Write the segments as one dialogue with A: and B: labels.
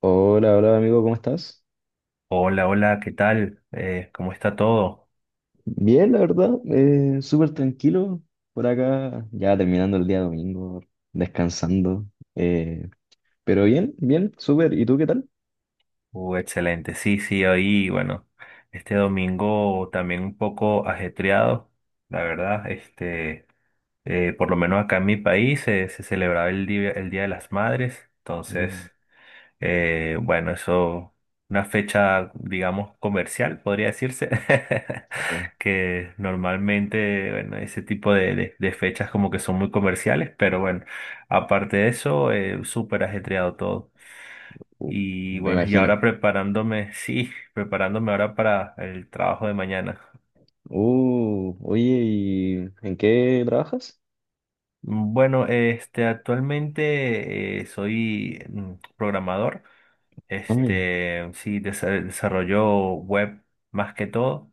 A: Hola, hola amigo, ¿cómo estás?
B: Hola, hola, ¿qué tal? ¿Cómo está todo?
A: Bien, la verdad, súper tranquilo por acá, ya terminando el día domingo, descansando, eh, pero bien, bien, súper, ¿y tú qué tal?
B: Excelente, sí, sí, hoy, bueno, este domingo también un poco ajetreado, la verdad, este, por lo menos acá en mi país se celebraba el Día de las Madres,
A: Mm.
B: entonces bueno, eso, una fecha, digamos, comercial, podría decirse.
A: eh,
B: Que normalmente, bueno, ese tipo de fechas como que son muy comerciales, pero bueno, aparte de eso, súper ajetreado todo.
A: uh,
B: Y
A: Me
B: bueno, y
A: imagino.
B: ahora preparándome, sí, preparándome ahora para el trabajo de mañana.
A: Oye, ¿y en qué trabajas?
B: Bueno, este, actualmente soy programador.
A: Ay,
B: Este, sí, desarrollo web más que todo.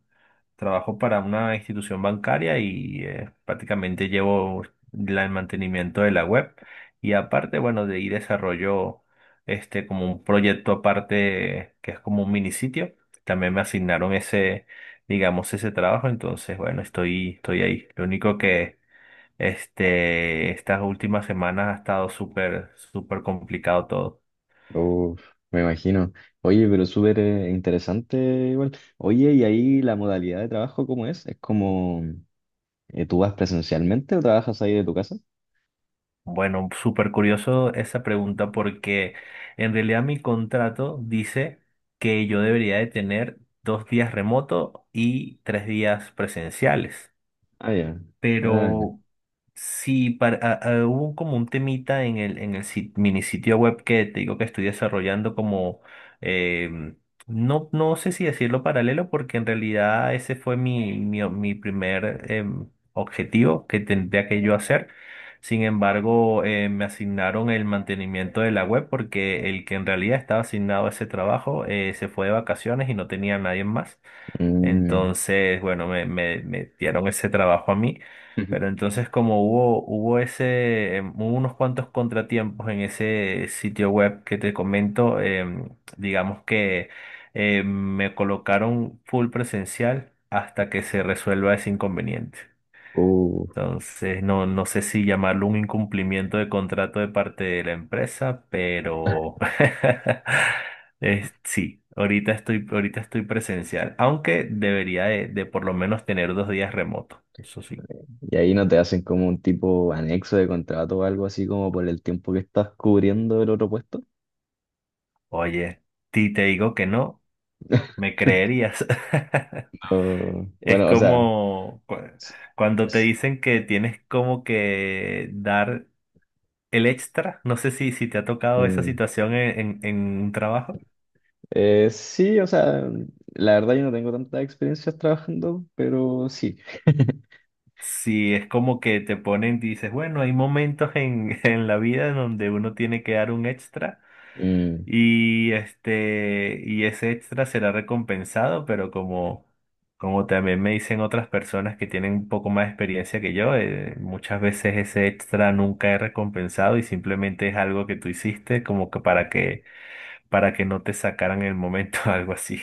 B: Trabajo para una institución bancaria y prácticamente llevo el mantenimiento de la web. Y aparte, bueno, de ahí desarrollo este como un proyecto aparte que es como un mini sitio. También me asignaron ese, digamos, ese trabajo. Entonces, bueno, estoy ahí. Lo único que este, estas últimas semanas ha estado súper, súper complicado todo.
A: uf, me imagino. Oye, pero súper interesante igual. Oye, ¿y ahí la modalidad de trabajo cómo es? ¿Es como tú vas presencialmente o trabajas ahí de tu casa?
B: Bueno, súper curioso esa pregunta porque en realidad mi contrato dice que yo debería de tener 2 días remoto y 3 días presenciales.
A: Ah, ya. Ah, ya.
B: Pero sí, hubo como un temita en el mini sitio web que te digo que estoy desarrollando como, em, no, no sé si decirlo paralelo, porque en realidad ese fue mi primer objetivo que tendría que yo hacer. Sin embargo, me asignaron el mantenimiento de la web porque el que en realidad estaba asignado a ese trabajo se fue de vacaciones y no tenía a nadie más.
A: Mm.
B: Entonces, bueno, me dieron ese trabajo a mí. Pero entonces como hubo unos cuantos contratiempos en ese sitio web que te comento. Digamos que em, me colocaron full presencial hasta que se resuelva ese inconveniente.
A: uh,
B: Entonces, no, no sé si llamarlo un incumplimiento de contrato de parte de la empresa, pero sí, ahorita estoy presencial, aunque debería de por lo menos tener 2 días remoto, eso sí.
A: ¿Y ahí no te hacen como un tipo anexo de contrato o algo así como por el tiempo que estás cubriendo el otro puesto?
B: Oye, si te digo que no, me creerías. Es
A: Bueno, o sea,
B: como
A: s-
B: cuando te
A: s-
B: dicen que tienes como que dar el extra, no sé si te ha tocado esa
A: mm,
B: situación en un trabajo.
A: sí, o sea, la verdad yo no tengo tantas experiencias trabajando, pero sí.
B: Sí, es como que te ponen, dices, bueno, hay momentos en la vida donde uno tiene que dar un extra
A: Mm,
B: y este y ese extra será recompensado, pero como también me dicen otras personas que tienen un poco más de experiencia que yo, muchas veces ese extra nunca es recompensado y simplemente es algo que tú hiciste como que para que no te sacaran el momento, algo así.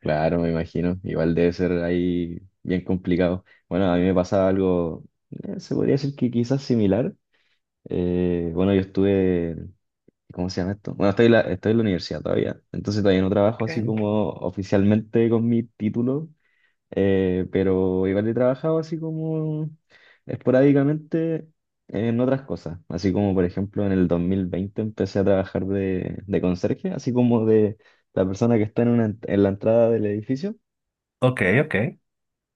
A: claro, me imagino. Igual debe ser ahí bien complicado. Bueno, a mí me pasaba algo, se podría decir que quizás similar. Bueno, yo estuve. ¿Cómo se llama esto? Bueno, estoy en la universidad todavía, entonces todavía no trabajo así
B: OK,
A: como oficialmente con mi título, pero igual he trabajado así como esporádicamente en otras cosas, así como por ejemplo en el 2020 empecé a trabajar de, conserje, así como de la persona que está en, una, en la entrada del edificio.
B: OK. OK.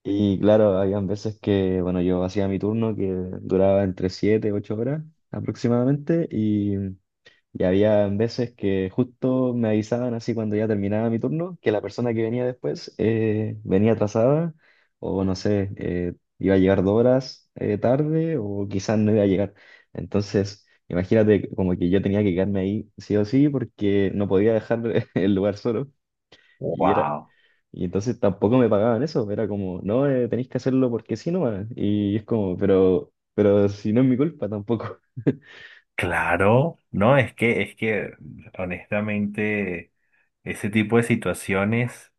A: Y claro, habían veces que, bueno, yo hacía mi turno que duraba entre 7, 8 horas aproximadamente y había veces que justo me avisaban así cuando ya terminaba mi turno, que la persona que venía después venía atrasada o no sé, iba a llegar 2 horas tarde o quizás no iba a llegar. Entonces, imagínate como que yo tenía que quedarme ahí sí o sí porque no podía dejar el lugar solo. Y era,
B: Wow.
A: y entonces tampoco me pagaban eso, era como, no, tenéis que hacerlo porque sí nomás. Y es como, pero si no es mi culpa tampoco.
B: Claro, no, es que honestamente ese tipo de situaciones,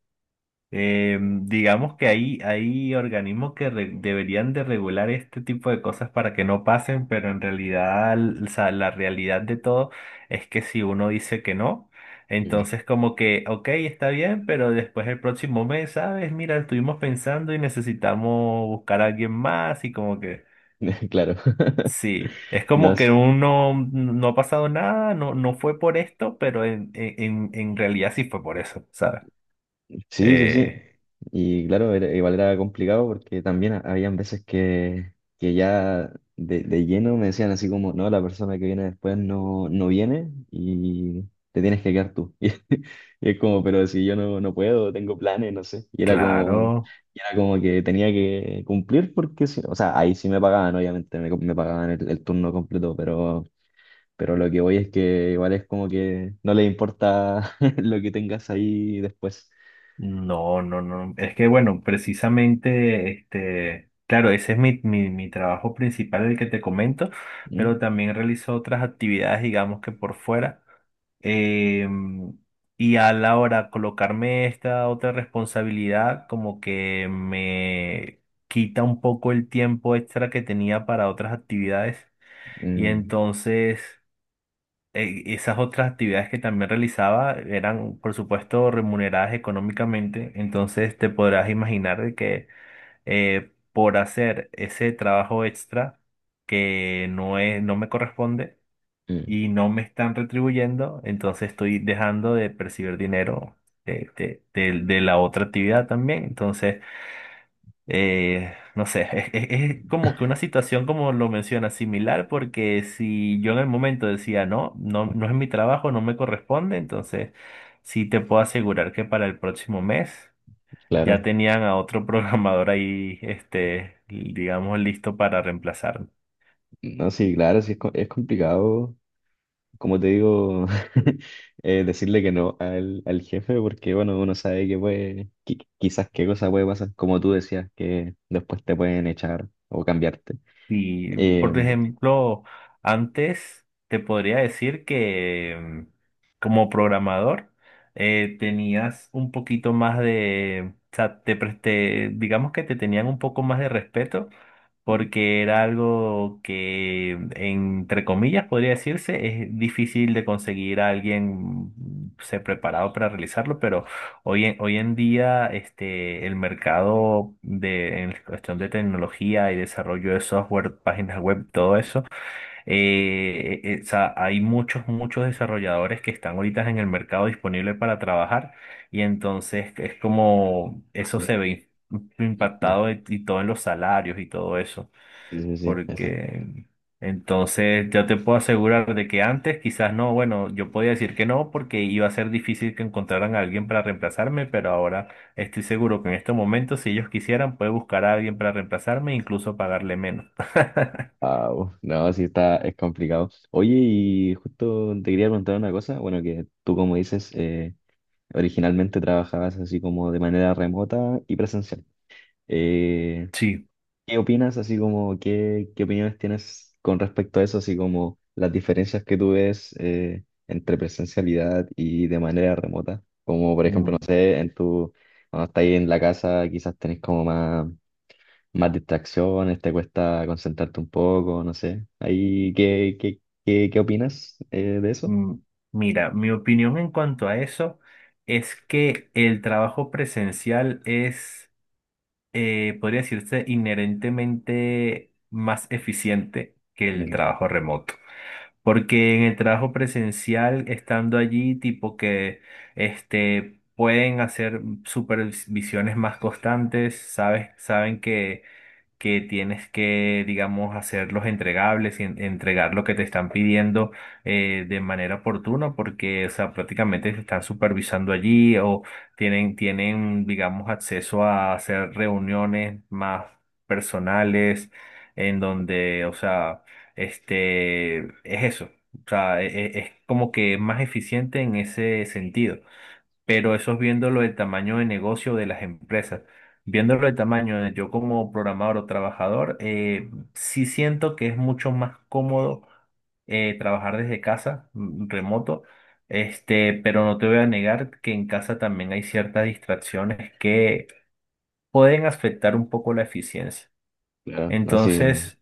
B: digamos que hay organismos que deberían de regular este tipo de cosas para que no pasen, pero en realidad, o sea, la realidad de todo es que si uno dice que no, entonces como que, ok, está bien, pero después el próximo mes, ¿sabes? Mira, estuvimos pensando y necesitamos buscar a alguien más y como que...
A: Claro.
B: Sí, es
A: No,
B: como que uno no ha pasado nada, no, no fue por esto, pero en realidad sí fue por eso, ¿sabes?
A: sí, sí, sí.
B: Eh,
A: Y claro, igual era complicado porque también habían veces que ya de lleno me decían así como, no, la persona que viene después no viene y te tienes que quedar tú. Y, es como, pero si yo no, no puedo, tengo planes, no sé.
B: claro.
A: Y era como que tenía que cumplir porque, sí, o sea, ahí sí me pagaban, obviamente, me pagaban el turno completo, pero. Pero lo que voy es que igual es como que no les importa lo que tengas ahí después.
B: No, no, no. Es que bueno, precisamente, este, claro, ese es mi trabajo principal, el que te comento,
A: Mm,
B: pero también realizo otras actividades, digamos que por fuera. Em, y a la hora de colocarme esta otra responsabilidad, como que me quita un poco el tiempo extra que tenía para otras actividades. Y
A: mm,
B: entonces esas otras actividades que también realizaba eran, por supuesto, remuneradas económicamente, entonces te podrás imaginar de que por hacer ese trabajo extra que no es, no me corresponde
A: mm.
B: y no me están retribuyendo, entonces estoy dejando de percibir dinero de la otra actividad también. Entonces, no sé, es como que una situación como lo menciona, similar, porque si yo en el momento decía no, no, no es mi trabajo, no me corresponde, entonces sí te puedo asegurar que para el próximo mes ya
A: Claro.
B: tenían a otro programador ahí, este, digamos, listo para reemplazar.
A: No, sí, claro, sí es, es complicado, como te digo, decirle que no al, al jefe, porque bueno, uno sabe que puede, quizás qué cosa puede pasar, como tú decías, que después te pueden echar o cambiarte.
B: Y,
A: Eh,
B: por ejemplo, antes te podría decir que mm, como programador tenías un poquito más de, o sea, te, digamos que te tenían un poco más de respeto
A: Mm.
B: porque era algo que, entre comillas, podría decirse, es difícil de conseguir a alguien se preparado para realizarlo, pero hoy en día, este, el mercado de, en cuestión de tecnología y desarrollo de software, páginas web, todo eso, o sea, hay muchos, muchos desarrolladores que están ahorita en el mercado disponible para trabajar y entonces es como eso se ve impactado y todo en los salarios y todo eso
A: Sí, sí, sí.
B: porque entonces ya te puedo asegurar de que antes quizás no, bueno, yo podía decir que no porque iba a ser difícil que encontraran a alguien para reemplazarme, pero ahora estoy seguro que en este momento, si ellos quisieran, puede buscar a alguien para reemplazarme e incluso pagarle menos.
A: Ah, uf, no, sí está, es complicado. Oye, y justo te quería preguntar una cosa. Bueno, que tú, como dices, originalmente trabajabas así como de manera remota y presencial. Eh,
B: Sí,
A: ¿Qué opinas, así como, qué opiniones tienes con respecto a eso, así como las diferencias que tú ves entre presencialidad y de manera remota? Como, por ejemplo, no
B: mm,
A: sé, en tu, cuando estás ahí en la casa, quizás tenés como más más distracciones, te cuesta concentrarte un poco, no sé. Ahí, qué opinas de eso?
B: mm, mira, mi opinión en cuanto a eso es que el trabajo presencial es, podría decirse, inherentemente más eficiente que el
A: Mm.
B: trabajo remoto. Porque en el trabajo presencial, estando allí, tipo que este, pueden hacer supervisiones más constantes, ¿sabes? Saben que tienes que, digamos, hacer los entregables y entregar lo que te están pidiendo de manera oportuna, porque, o sea, prácticamente te están supervisando allí o tienen, digamos, acceso a hacer reuniones más personales en donde, o sea, este, es eso. O sea, es como que es más eficiente en ese sentido, pero eso es viéndolo del tamaño de negocio de las empresas. Viéndolo del tamaño de yo como programador o trabajador, sí siento que es mucho más cómodo trabajar desde casa, remoto, este, pero no te voy a negar que en casa también hay ciertas distracciones que pueden afectar un poco la eficiencia.
A: Claro, no, sí,
B: Entonces,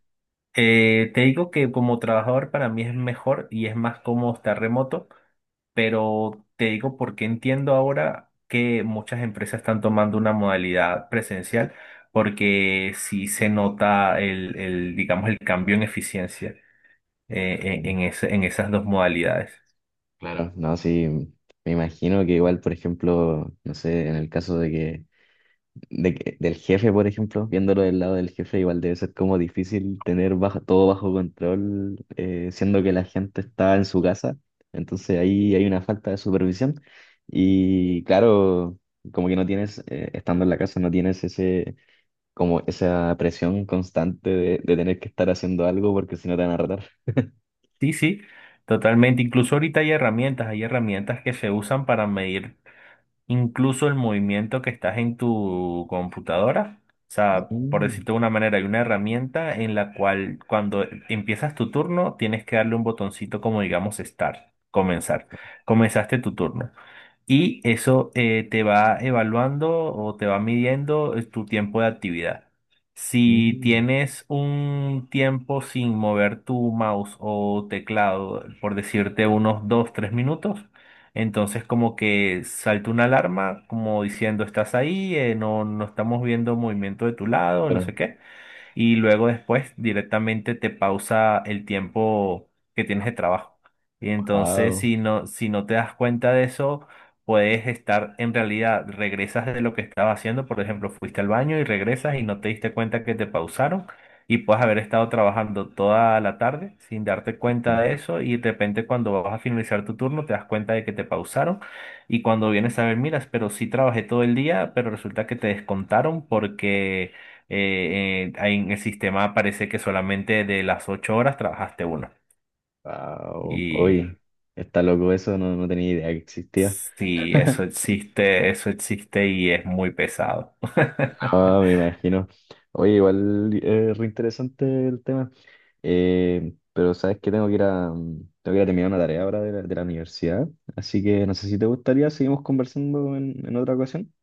B: te digo que como trabajador para mí es mejor y es más cómodo estar remoto, pero te digo porque entiendo ahora que muchas empresas están tomando una modalidad presencial porque sí se nota digamos, el cambio en eficiencia en esas dos modalidades.
A: claro, no, sí, me imagino que igual, por ejemplo, no sé, en el caso de que del jefe, por ejemplo, viéndolo del lado del jefe, igual debe ser como difícil tener bajo, todo bajo control, siendo que la gente está en su casa. Entonces ahí hay una falta de supervisión. Y claro, como que no tienes, estando en la casa, no tienes ese, como esa presión constante de tener que estar haciendo algo porque si no te van a retar.
B: Sí, sí, totalmente. Incluso ahorita hay herramientas que se usan para medir incluso el movimiento que estás en tu computadora. O sea, por
A: Mm,
B: decirte de una manera, hay una herramienta en la cual cuando empiezas tu turno tienes que darle un botoncito como digamos start, comenzar. Comenzaste tu turno y eso te va evaluando o te va midiendo tu tiempo de actividad. Si
A: mm.
B: tienes un tiempo sin mover tu mouse o teclado, por decirte unos 2 3 minutos, entonces como que salta una alarma como diciendo estás ahí, no, no estamos viendo movimiento de tu lado, no
A: Pero,
B: sé qué, y luego después directamente te pausa el tiempo que tienes de trabajo. Y entonces
A: wow,
B: si no te das cuenta de eso, puedes estar en realidad, regresas de lo que estabas haciendo, por ejemplo, fuiste al baño y regresas y no te diste cuenta que te pausaron, y puedes haber estado trabajando toda la tarde sin darte cuenta de eso, y de repente cuando vas a finalizar tu turno te das cuenta de que te pausaron, y cuando vienes a ver, miras, pero sí trabajé todo el día, pero resulta que te descontaron porque ahí en el sistema parece que solamente de las 8 horas trabajaste una.
A: wow,
B: Y
A: hoy está loco eso, no, no tenía idea que existía.
B: sí, eso existe y es muy pesado.
A: Ah, me imagino. Oye, igual re interesante el tema. Pero sabes que tengo que ir a, tengo que ir a terminar una tarea ahora de la universidad. Así que no sé si te gustaría, seguimos conversando en otra ocasión.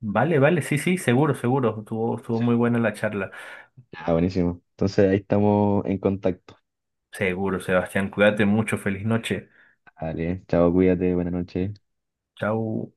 B: Vale, vale, sí, sí, seguro, seguro. Estuvo muy buena la charla.
A: Ah, buenísimo. Entonces ahí estamos en contacto.
B: Seguro, Sebastián, cuídate mucho, feliz noche.
A: Vale, chao, cuídate, buenas noches.
B: Chau.